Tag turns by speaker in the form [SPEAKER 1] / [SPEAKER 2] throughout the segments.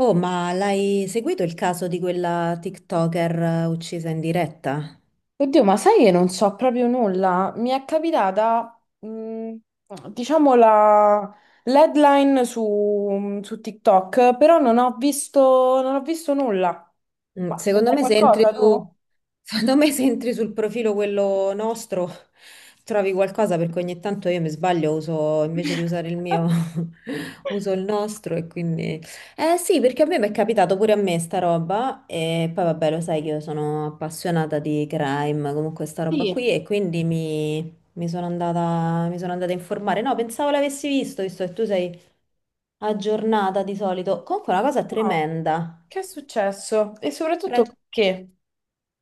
[SPEAKER 1] Oh, ma l'hai seguito il caso di quella TikToker uccisa in diretta?
[SPEAKER 2] Oddio, ma sai che non so proprio nulla? Mi è capitata, diciamo, la l'headline su TikTok, però non ho visto, non ho visto nulla. Ma
[SPEAKER 1] Secondo
[SPEAKER 2] c'è
[SPEAKER 1] me se entri
[SPEAKER 2] qualcosa tu?
[SPEAKER 1] su, secondo me se entri sul profilo quello nostro trovi qualcosa perché ogni tanto io mi sbaglio, uso invece di usare il mio, uso il nostro e quindi... Eh sì, perché a me mi è capitato pure a me sta roba e poi vabbè lo sai che io sono appassionata di crime, comunque sta roba qui
[SPEAKER 2] Sì.
[SPEAKER 1] e quindi mi sono andata a informare. No, pensavo l'avessi visto, visto che tu sei aggiornata di solito. Comunque è una cosa
[SPEAKER 2] No.
[SPEAKER 1] tremenda.
[SPEAKER 2] Che è successo? E soprattutto perché?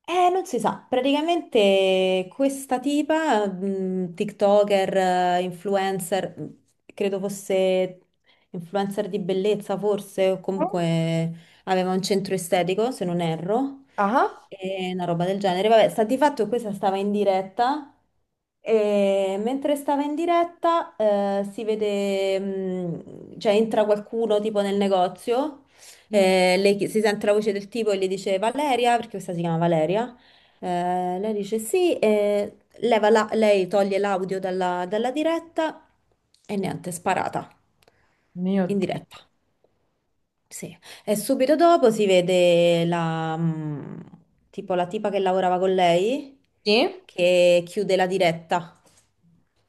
[SPEAKER 1] Non si sa, praticamente questa tipa, TikToker, influencer, credo fosse influencer di bellezza forse, o comunque aveva un centro estetico, se non erro,
[SPEAKER 2] Ah?
[SPEAKER 1] e una roba del genere. Vabbè, sta di fatto che questa stava in diretta e mentre stava in diretta, si vede, cioè entra qualcuno tipo nel negozio.
[SPEAKER 2] Mm.
[SPEAKER 1] Lei si sente la voce del tipo e le dice Valeria, perché questa si chiama Valeria. Lei dice sì, e lei toglie l'audio dalla diretta e niente, è sparata
[SPEAKER 2] Mio
[SPEAKER 1] in
[SPEAKER 2] Dio.
[SPEAKER 1] diretta. Sì. E subito dopo si vede la, tipo la tipa che lavorava con lei
[SPEAKER 2] Sì?
[SPEAKER 1] che chiude la diretta.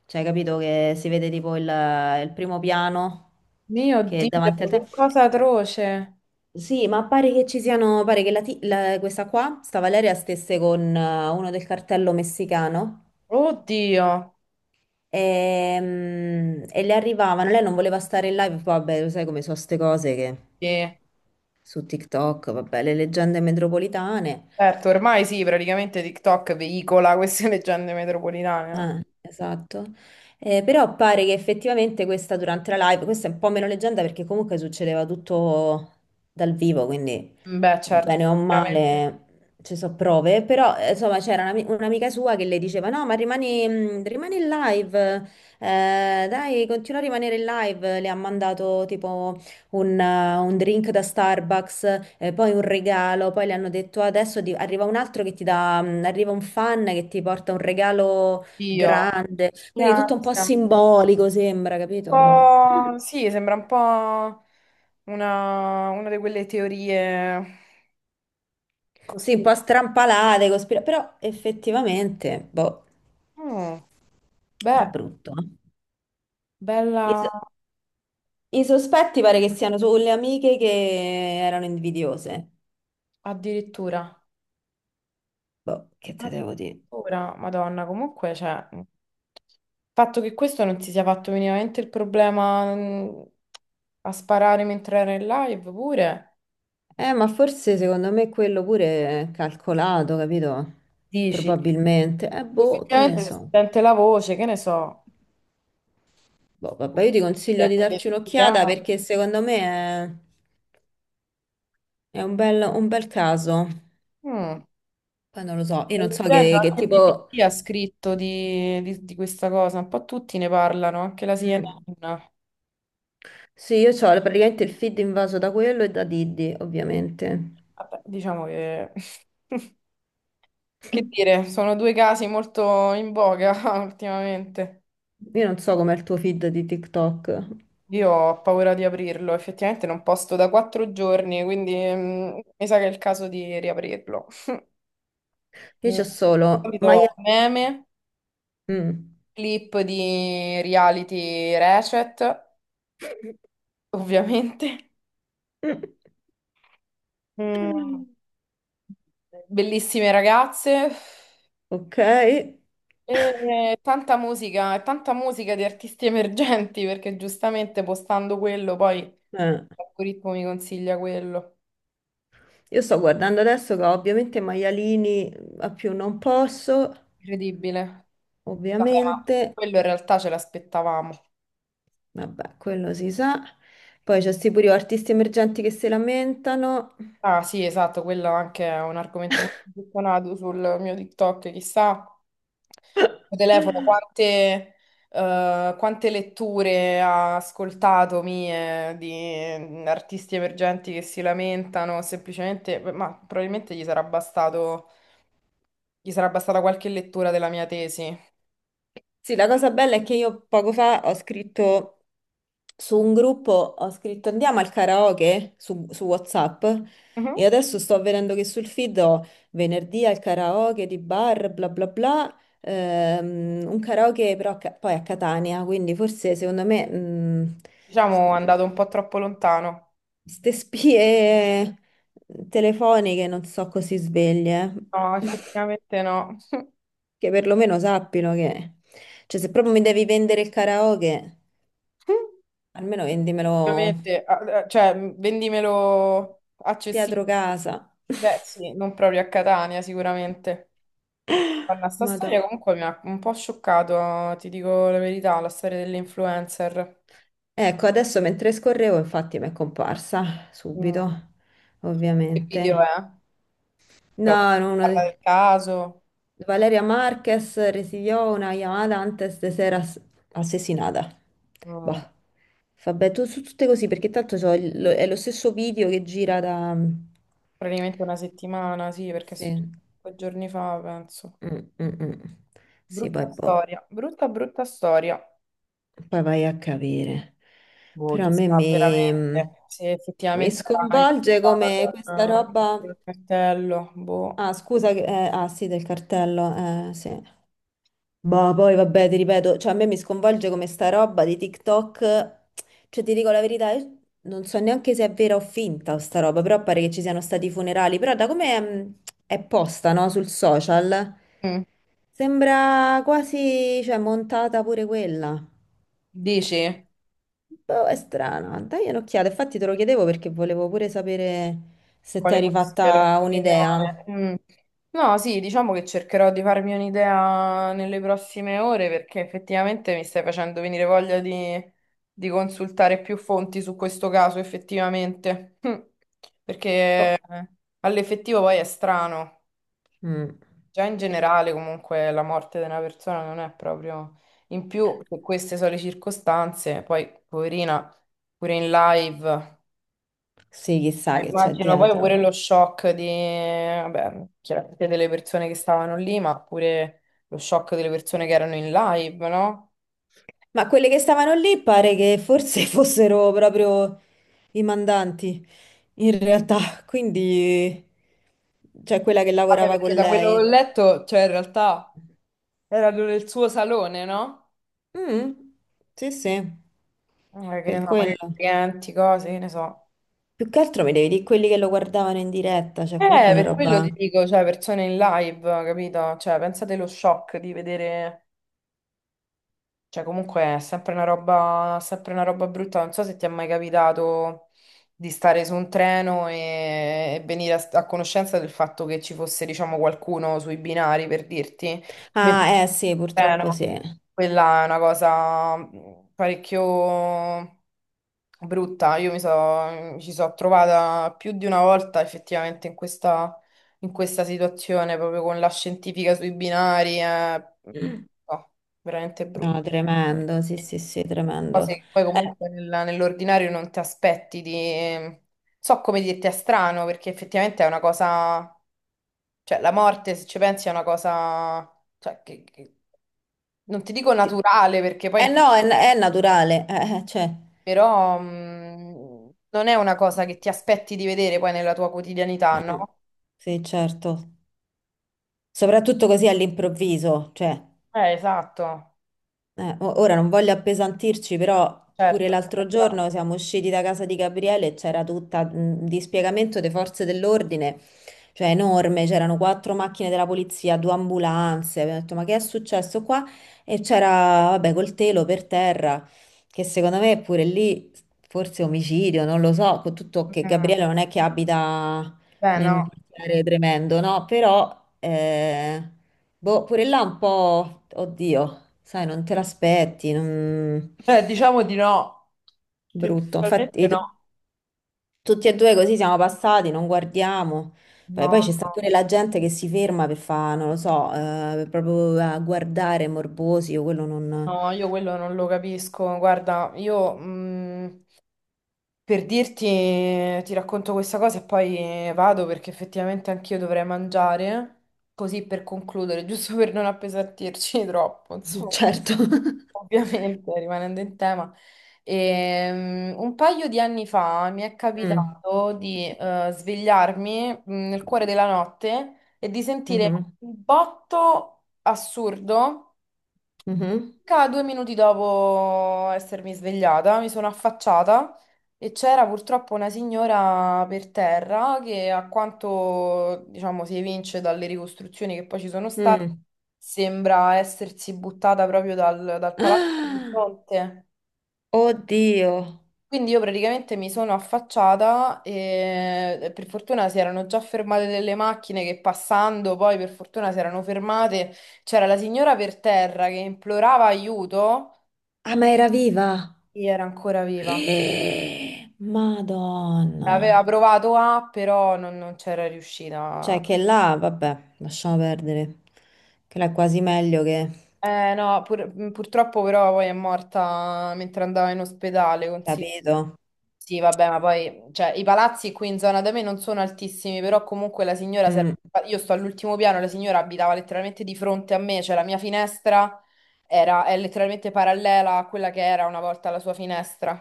[SPEAKER 1] Cioè, capito che si vede tipo il primo piano
[SPEAKER 2] Mio
[SPEAKER 1] che è
[SPEAKER 2] Dio,
[SPEAKER 1] davanti al
[SPEAKER 2] che
[SPEAKER 1] telefono
[SPEAKER 2] cosa atroce.
[SPEAKER 1] sì, ma pare che questa qua, sta Valeria, stesse con uno del cartello messicano
[SPEAKER 2] Oddio.
[SPEAKER 1] e, le arrivavano, lei non voleva stare in live, vabbè, lo sai come sono ste cose che
[SPEAKER 2] Sì.
[SPEAKER 1] su TikTok, vabbè, le leggende metropolitane.
[SPEAKER 2] Certo, ormai sì, praticamente TikTok veicola queste leggende metropolitane, no?
[SPEAKER 1] Ah, esatto. Però pare che effettivamente questa durante la live, questa è un po' meno leggenda perché comunque succedeva tutto dal vivo, quindi
[SPEAKER 2] Beh, certo,
[SPEAKER 1] bene o
[SPEAKER 2] effettivamente.
[SPEAKER 1] male ci sono prove, però insomma c'era un'amica sua che le diceva no, ma rimani, rimani in live, dai, continua a rimanere in live, le ha mandato tipo un drink da Starbucks, poi un regalo, poi le hanno detto adesso arriva un altro che ti dà, arriva un fan che ti porta un regalo
[SPEAKER 2] Io.
[SPEAKER 1] grande, quindi tutto
[SPEAKER 2] Yeah,
[SPEAKER 1] un po'
[SPEAKER 2] sembra
[SPEAKER 1] simbolico sembra, capito?
[SPEAKER 2] un po'... Sì, sembra un po' una di quelle teorie
[SPEAKER 1] Sì, un po'
[SPEAKER 2] cospirative.
[SPEAKER 1] strampalate, però effettivamente, boh,
[SPEAKER 2] Mm,
[SPEAKER 1] però
[SPEAKER 2] beh,
[SPEAKER 1] brutto. Eh. I,
[SPEAKER 2] bella
[SPEAKER 1] so- i sospetti pare che siano sulle amiche che erano invidiose.
[SPEAKER 2] addirittura.
[SPEAKER 1] Boh, che te devo dire?
[SPEAKER 2] Addirittura, Madonna, comunque, cioè... Il fatto che questo non si sia fatto minimamente il problema a sparare mentre era in live pure...
[SPEAKER 1] Ma forse secondo me quello pure è calcolato, capito?
[SPEAKER 2] Dici,
[SPEAKER 1] Probabilmente. Boh, che ne
[SPEAKER 2] effettivamente si
[SPEAKER 1] so.
[SPEAKER 2] sente la voce, che ne so,
[SPEAKER 1] Boh, vabbè, io ti
[SPEAKER 2] ti
[SPEAKER 1] consiglio
[SPEAKER 2] ha
[SPEAKER 1] di darci un'occhiata
[SPEAKER 2] identificato.
[SPEAKER 1] perché secondo me è... È un bel caso.
[SPEAKER 2] Mm,
[SPEAKER 1] Poi non lo so, io
[SPEAKER 2] sto
[SPEAKER 1] non so che,
[SPEAKER 2] leggendo,
[SPEAKER 1] che
[SPEAKER 2] anche
[SPEAKER 1] tipo...
[SPEAKER 2] BBC ha scritto di, di questa cosa, un po' tutti ne parlano, anche la
[SPEAKER 1] Mm.
[SPEAKER 2] CNN.
[SPEAKER 1] Sì, io ho praticamente il feed invaso da quello e da Diddy, ovviamente.
[SPEAKER 2] Vabbè, diciamo che... Che dire, sono due casi molto in voga ultimamente.
[SPEAKER 1] Io non so com'è il tuo feed di TikTok.
[SPEAKER 2] Io ho paura di aprirlo, effettivamente non posto da quattro giorni, quindi mi sa che è il caso di riaprirlo.
[SPEAKER 1] Io
[SPEAKER 2] Mm,
[SPEAKER 1] c'ho solo
[SPEAKER 2] di
[SPEAKER 1] maiali...
[SPEAKER 2] solito meme,
[SPEAKER 1] Mm.
[SPEAKER 2] clip di reality Ratchet, ovviamente. Mm, bellissime ragazze.
[SPEAKER 1] Ok.
[SPEAKER 2] E tanta musica di artisti emergenti, perché giustamente postando quello, poi l'algoritmo mi consiglia quello.
[SPEAKER 1] Io sto guardando adesso che ho ovviamente maialini a più non posso,
[SPEAKER 2] Incredibile. Vabbè, ma
[SPEAKER 1] ovviamente.
[SPEAKER 2] quello in realtà ce l'aspettavamo.
[SPEAKER 1] Vabbè, quello si sa. Poi c'è sti pure artisti emergenti che si lamentano.
[SPEAKER 2] Ah sì, esatto, quello anche è un argomento molto gettonato sul mio TikTok, chissà, il telefono, quante, quante letture ha ascoltato mie di artisti emergenti che si lamentano, semplicemente, ma probabilmente gli sarà bastato, gli sarà bastata qualche lettura della mia tesi.
[SPEAKER 1] Sì, la cosa bella è che io poco fa ho scritto su un gruppo, ho scritto andiamo al karaoke su WhatsApp e
[SPEAKER 2] Mhm.
[SPEAKER 1] adesso sto vedendo che sul feed ho venerdì al karaoke di bar, bla bla bla, un karaoke però poi a Catania, quindi forse secondo me s-
[SPEAKER 2] Diciamo, è andato un po' troppo lontano.
[SPEAKER 1] ste spie telefoniche non so così sveglie,
[SPEAKER 2] No, effettivamente no.
[SPEAKER 1] che perlomeno sappino che, cioè se proprio mi devi vendere il karaoke... Almeno vendimelo
[SPEAKER 2] Ovviamente, cioè, vendimelo accessibile.
[SPEAKER 1] dietro casa.
[SPEAKER 2] Beh, sì, non proprio a Catania, sicuramente. Guarda, sta storia
[SPEAKER 1] Madonna.
[SPEAKER 2] comunque mi ha un po' scioccato, ti dico la verità, la storia dell'influencer.
[SPEAKER 1] Ecco, adesso mentre scorrevo, infatti mi è comparsa
[SPEAKER 2] Mm.
[SPEAKER 1] subito,
[SPEAKER 2] Che video
[SPEAKER 1] ovviamente.
[SPEAKER 2] è? Cioè,
[SPEAKER 1] No, no,
[SPEAKER 2] parla del caso.
[SPEAKER 1] Valeria Marquez residió una llamada antes de ser assassinata. Boh.
[SPEAKER 2] Mm,
[SPEAKER 1] Vabbè, tu, su tutte così, perché tanto so, è lo stesso video che gira da...
[SPEAKER 2] praticamente una settimana, sì, perché è successo
[SPEAKER 1] Sì.
[SPEAKER 2] due giorni fa, penso.
[SPEAKER 1] Mm, mm, mm. Sì, poi
[SPEAKER 2] Brutta
[SPEAKER 1] boh.
[SPEAKER 2] storia, brutta, brutta storia.
[SPEAKER 1] Poi vai a capire.
[SPEAKER 2] Boh,
[SPEAKER 1] Però a me mi,
[SPEAKER 2] chissà veramente se
[SPEAKER 1] mi
[SPEAKER 2] effettivamente era
[SPEAKER 1] sconvolge come
[SPEAKER 2] influenzato
[SPEAKER 1] questa
[SPEAKER 2] con
[SPEAKER 1] roba.
[SPEAKER 2] il cartello. Boh.
[SPEAKER 1] Ah, scusa, ah sì, del cartello, sì. Boh, poi vabbè, ti ripeto, cioè a me mi sconvolge come sta roba di TikTok. Cioè, ti dico la verità, io non so neanche se è vera o finta sta roba, però pare che ci siano stati i funerali. Però da come è posta, no, sul social,
[SPEAKER 2] Mm.
[SPEAKER 1] sembra quasi, cioè, montata pure quella.
[SPEAKER 2] Dici?
[SPEAKER 1] Boh, è strana. Dai un'occhiata. Infatti te lo chiedevo perché volevo pure sapere se ti
[SPEAKER 2] Quale
[SPEAKER 1] eri
[SPEAKER 2] fosse la
[SPEAKER 1] fatta
[SPEAKER 2] tua
[SPEAKER 1] un'idea.
[SPEAKER 2] opinione? Mm. No, sì, diciamo che cercherò di farmi un'idea nelle prossime ore perché effettivamente mi stai facendo venire voglia di consultare più fonti su questo caso, effettivamente. Mm. Perché
[SPEAKER 1] Oh,
[SPEAKER 2] all'effettivo poi è strano.
[SPEAKER 1] mm.
[SPEAKER 2] Già in generale, comunque, la morte di una persona non è proprio... In più, se queste sono le circostanze, poi, poverina, pure in live,
[SPEAKER 1] Sì, chissà che c'è
[SPEAKER 2] immagino poi
[SPEAKER 1] dietro.
[SPEAKER 2] pure lo shock di... Vabbè, chiaramente delle persone che stavano lì, ma pure lo shock delle persone che erano in live, no?
[SPEAKER 1] Ma quelle che stavano lì pare che forse fossero proprio i mandanti, in realtà. Quindi, cioè quella che
[SPEAKER 2] Vabbè,
[SPEAKER 1] lavorava
[SPEAKER 2] perché
[SPEAKER 1] con
[SPEAKER 2] da quello che ho
[SPEAKER 1] lei.
[SPEAKER 2] letto, cioè, in realtà, erano nel suo salone, no?
[SPEAKER 1] Mm, sì, sì,
[SPEAKER 2] Che
[SPEAKER 1] per
[SPEAKER 2] ne so, magari
[SPEAKER 1] quello.
[SPEAKER 2] clienti, cose, che ne so.
[SPEAKER 1] Più che altro mi devi dire quelli che lo guardavano in diretta, cioè comunque una
[SPEAKER 2] Per quello
[SPEAKER 1] roba...
[SPEAKER 2] ti dico, cioè, persone in live, capito? Cioè, pensate lo shock di vedere... Cioè, comunque è sempre una roba brutta. Non so se ti è mai capitato di stare su un treno e venire a, a conoscenza del fatto che ci fosse, diciamo, qualcuno sui binari, per dirti.
[SPEAKER 1] Ah, eh sì, purtroppo sì.
[SPEAKER 2] No, quella è una cosa parecchio brutta. Mi ci sono trovata più di una volta effettivamente in questa situazione, proprio con la scientifica sui binari. Eh, no, veramente brutta
[SPEAKER 1] No, tremendo, sì, sì,
[SPEAKER 2] eh,
[SPEAKER 1] sì,
[SPEAKER 2] cose
[SPEAKER 1] tremendo.
[SPEAKER 2] che poi
[SPEAKER 1] Eh,
[SPEAKER 2] comunque nell'ordinario non ti aspetti di... So come dirti è strano, perché effettivamente è una cosa... Cioè, la morte, se ci pensi, è una cosa... Cioè, non ti dico
[SPEAKER 1] ti-
[SPEAKER 2] naturale, perché poi...
[SPEAKER 1] eh no, è naturale, cioè.
[SPEAKER 2] Però non è una cosa che ti aspetti di vedere poi nella tua quotidianità,
[SPEAKER 1] Mm,
[SPEAKER 2] no?
[SPEAKER 1] sì, certo. Soprattutto così all'improvviso, cioè.
[SPEAKER 2] Esatto,
[SPEAKER 1] Ora non voglio appesantirci, però pure
[SPEAKER 2] certo.
[SPEAKER 1] l'altro giorno siamo usciti da casa di Gabriele e c'era tutta un dispiegamento delle forze dell'ordine, cioè enorme, c'erano quattro macchine della polizia, due ambulanze. Abbiamo detto, ma che è successo qua? E c'era, vabbè, col telo per terra, che secondo me pure lì forse omicidio, non lo so, con tutto che
[SPEAKER 2] Mm,
[SPEAKER 1] Gabriele non è che abita
[SPEAKER 2] beh,
[SPEAKER 1] in un
[SPEAKER 2] no.
[SPEAKER 1] quartiere tremendo, no? Però, boh, pure là un po', oddio. Sai, non te l'aspetti, non...
[SPEAKER 2] Diciamo di no.
[SPEAKER 1] brutto.
[SPEAKER 2] Ufficialmente
[SPEAKER 1] Infatti,
[SPEAKER 2] no.
[SPEAKER 1] tutti e due così siamo passati, non guardiamo. Poi,
[SPEAKER 2] No,
[SPEAKER 1] poi c'è sta
[SPEAKER 2] no.
[SPEAKER 1] pure la gente che si ferma per fare, non lo so, proprio a guardare morbosi, io quello non...
[SPEAKER 2] No, io quello non lo capisco. Guarda, io, per dirti, ti racconto questa cosa e poi vado perché effettivamente anch'io dovrei mangiare, così per concludere, giusto per non appesantirci troppo, insomma,
[SPEAKER 1] Certo.
[SPEAKER 2] ovviamente rimanendo in tema. Un paio di anni fa mi è
[SPEAKER 1] Mm,
[SPEAKER 2] capitato di svegliarmi nel cuore della notte e di sentire
[SPEAKER 1] mhm,
[SPEAKER 2] un botto assurdo.
[SPEAKER 1] mhm,
[SPEAKER 2] Circa due minuti dopo essermi svegliata, mi sono affacciata e c'era purtroppo una signora per terra che, a quanto diciamo si evince dalle ricostruzioni che poi ci sono state,
[SPEAKER 1] mm.
[SPEAKER 2] sembra essersi buttata proprio dal palazzo di
[SPEAKER 1] Ah,
[SPEAKER 2] fronte.
[SPEAKER 1] oddio.
[SPEAKER 2] Quindi io praticamente mi sono affacciata e per fortuna si erano già fermate delle macchine che passando poi per fortuna si erano fermate. C'era la signora per terra che implorava aiuto
[SPEAKER 1] Ah, ma era viva?
[SPEAKER 2] e era ancora viva. Aveva
[SPEAKER 1] Madonna.
[SPEAKER 2] provato a, però non c'era riuscita.
[SPEAKER 1] Cioè che là, vabbè, lasciamo perdere. Che là è quasi meglio che...
[SPEAKER 2] No, purtroppo però poi è morta mentre andava in ospedale, considera.
[SPEAKER 1] Capito?
[SPEAKER 2] Sì, vabbè, ma poi cioè, i palazzi qui in zona da me non sono altissimi, però comunque la signora, se- io sto all'ultimo piano, la signora abitava letteralmente di fronte a me, cioè la mia finestra è letteralmente parallela a quella che era una volta la sua finestra.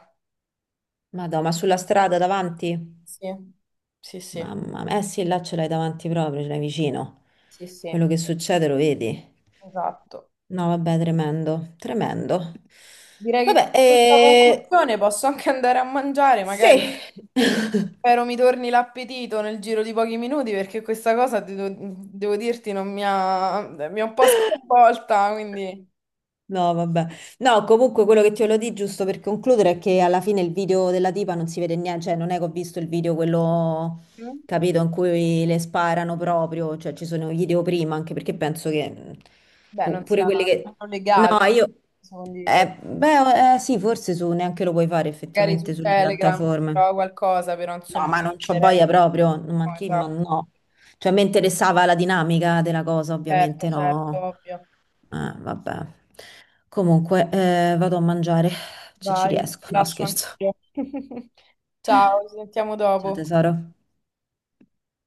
[SPEAKER 1] Madò, ma sulla strada davanti?
[SPEAKER 2] Sì, sì, sì,
[SPEAKER 1] Mamma mia, eh sì, là ce l'hai davanti proprio, ce l'hai vicino.
[SPEAKER 2] sì, sì,
[SPEAKER 1] Quello che succede lo vedi?
[SPEAKER 2] esatto.
[SPEAKER 1] No, vabbè, tremendo, tremendo.
[SPEAKER 2] Direi che con
[SPEAKER 1] Vabbè,
[SPEAKER 2] questa conclusione posso anche andare a mangiare, magari.
[SPEAKER 1] sì.
[SPEAKER 2] Spero mi torni l'appetito nel giro di pochi minuti perché questa cosa, devo dirti, non mi ha, mi ha un po' sconvolta, quindi...
[SPEAKER 1] No, vabbè. No, comunque quello che ti volevo dire, giusto per concludere, è che alla fine il video della tipa non si vede niente, cioè non è che ho visto il video quello,
[SPEAKER 2] Mm,
[SPEAKER 1] capito, in cui le sparano proprio, cioè ci sono i video prima, anche perché penso che
[SPEAKER 2] beh, non
[SPEAKER 1] pure
[SPEAKER 2] sia
[SPEAKER 1] quelli che...
[SPEAKER 2] non legale
[SPEAKER 1] No, io...
[SPEAKER 2] posso condividere.
[SPEAKER 1] beh, sì, forse su, neanche lo puoi fare
[SPEAKER 2] Magari su
[SPEAKER 1] effettivamente sulle
[SPEAKER 2] Telegram si
[SPEAKER 1] piattaforme.
[SPEAKER 2] trova qualcosa, però
[SPEAKER 1] No,
[SPEAKER 2] insomma
[SPEAKER 1] ma
[SPEAKER 2] io
[SPEAKER 1] non c'ho
[SPEAKER 2] eviterei.
[SPEAKER 1] voglia proprio, ma
[SPEAKER 2] No,
[SPEAKER 1] chi, ma
[SPEAKER 2] esatto,
[SPEAKER 1] no. Cioè, mi interessava la dinamica della cosa,
[SPEAKER 2] certo,
[SPEAKER 1] ovviamente
[SPEAKER 2] certo,
[SPEAKER 1] no.
[SPEAKER 2] ovvio.
[SPEAKER 1] Vabbè. Comunque, vado a mangiare, se ci
[SPEAKER 2] Vai,
[SPEAKER 1] riesco.
[SPEAKER 2] ti
[SPEAKER 1] No,
[SPEAKER 2] lascio
[SPEAKER 1] scherzo.
[SPEAKER 2] anch'io. Ciao, ci sentiamo
[SPEAKER 1] Ciao
[SPEAKER 2] dopo.
[SPEAKER 1] tesoro.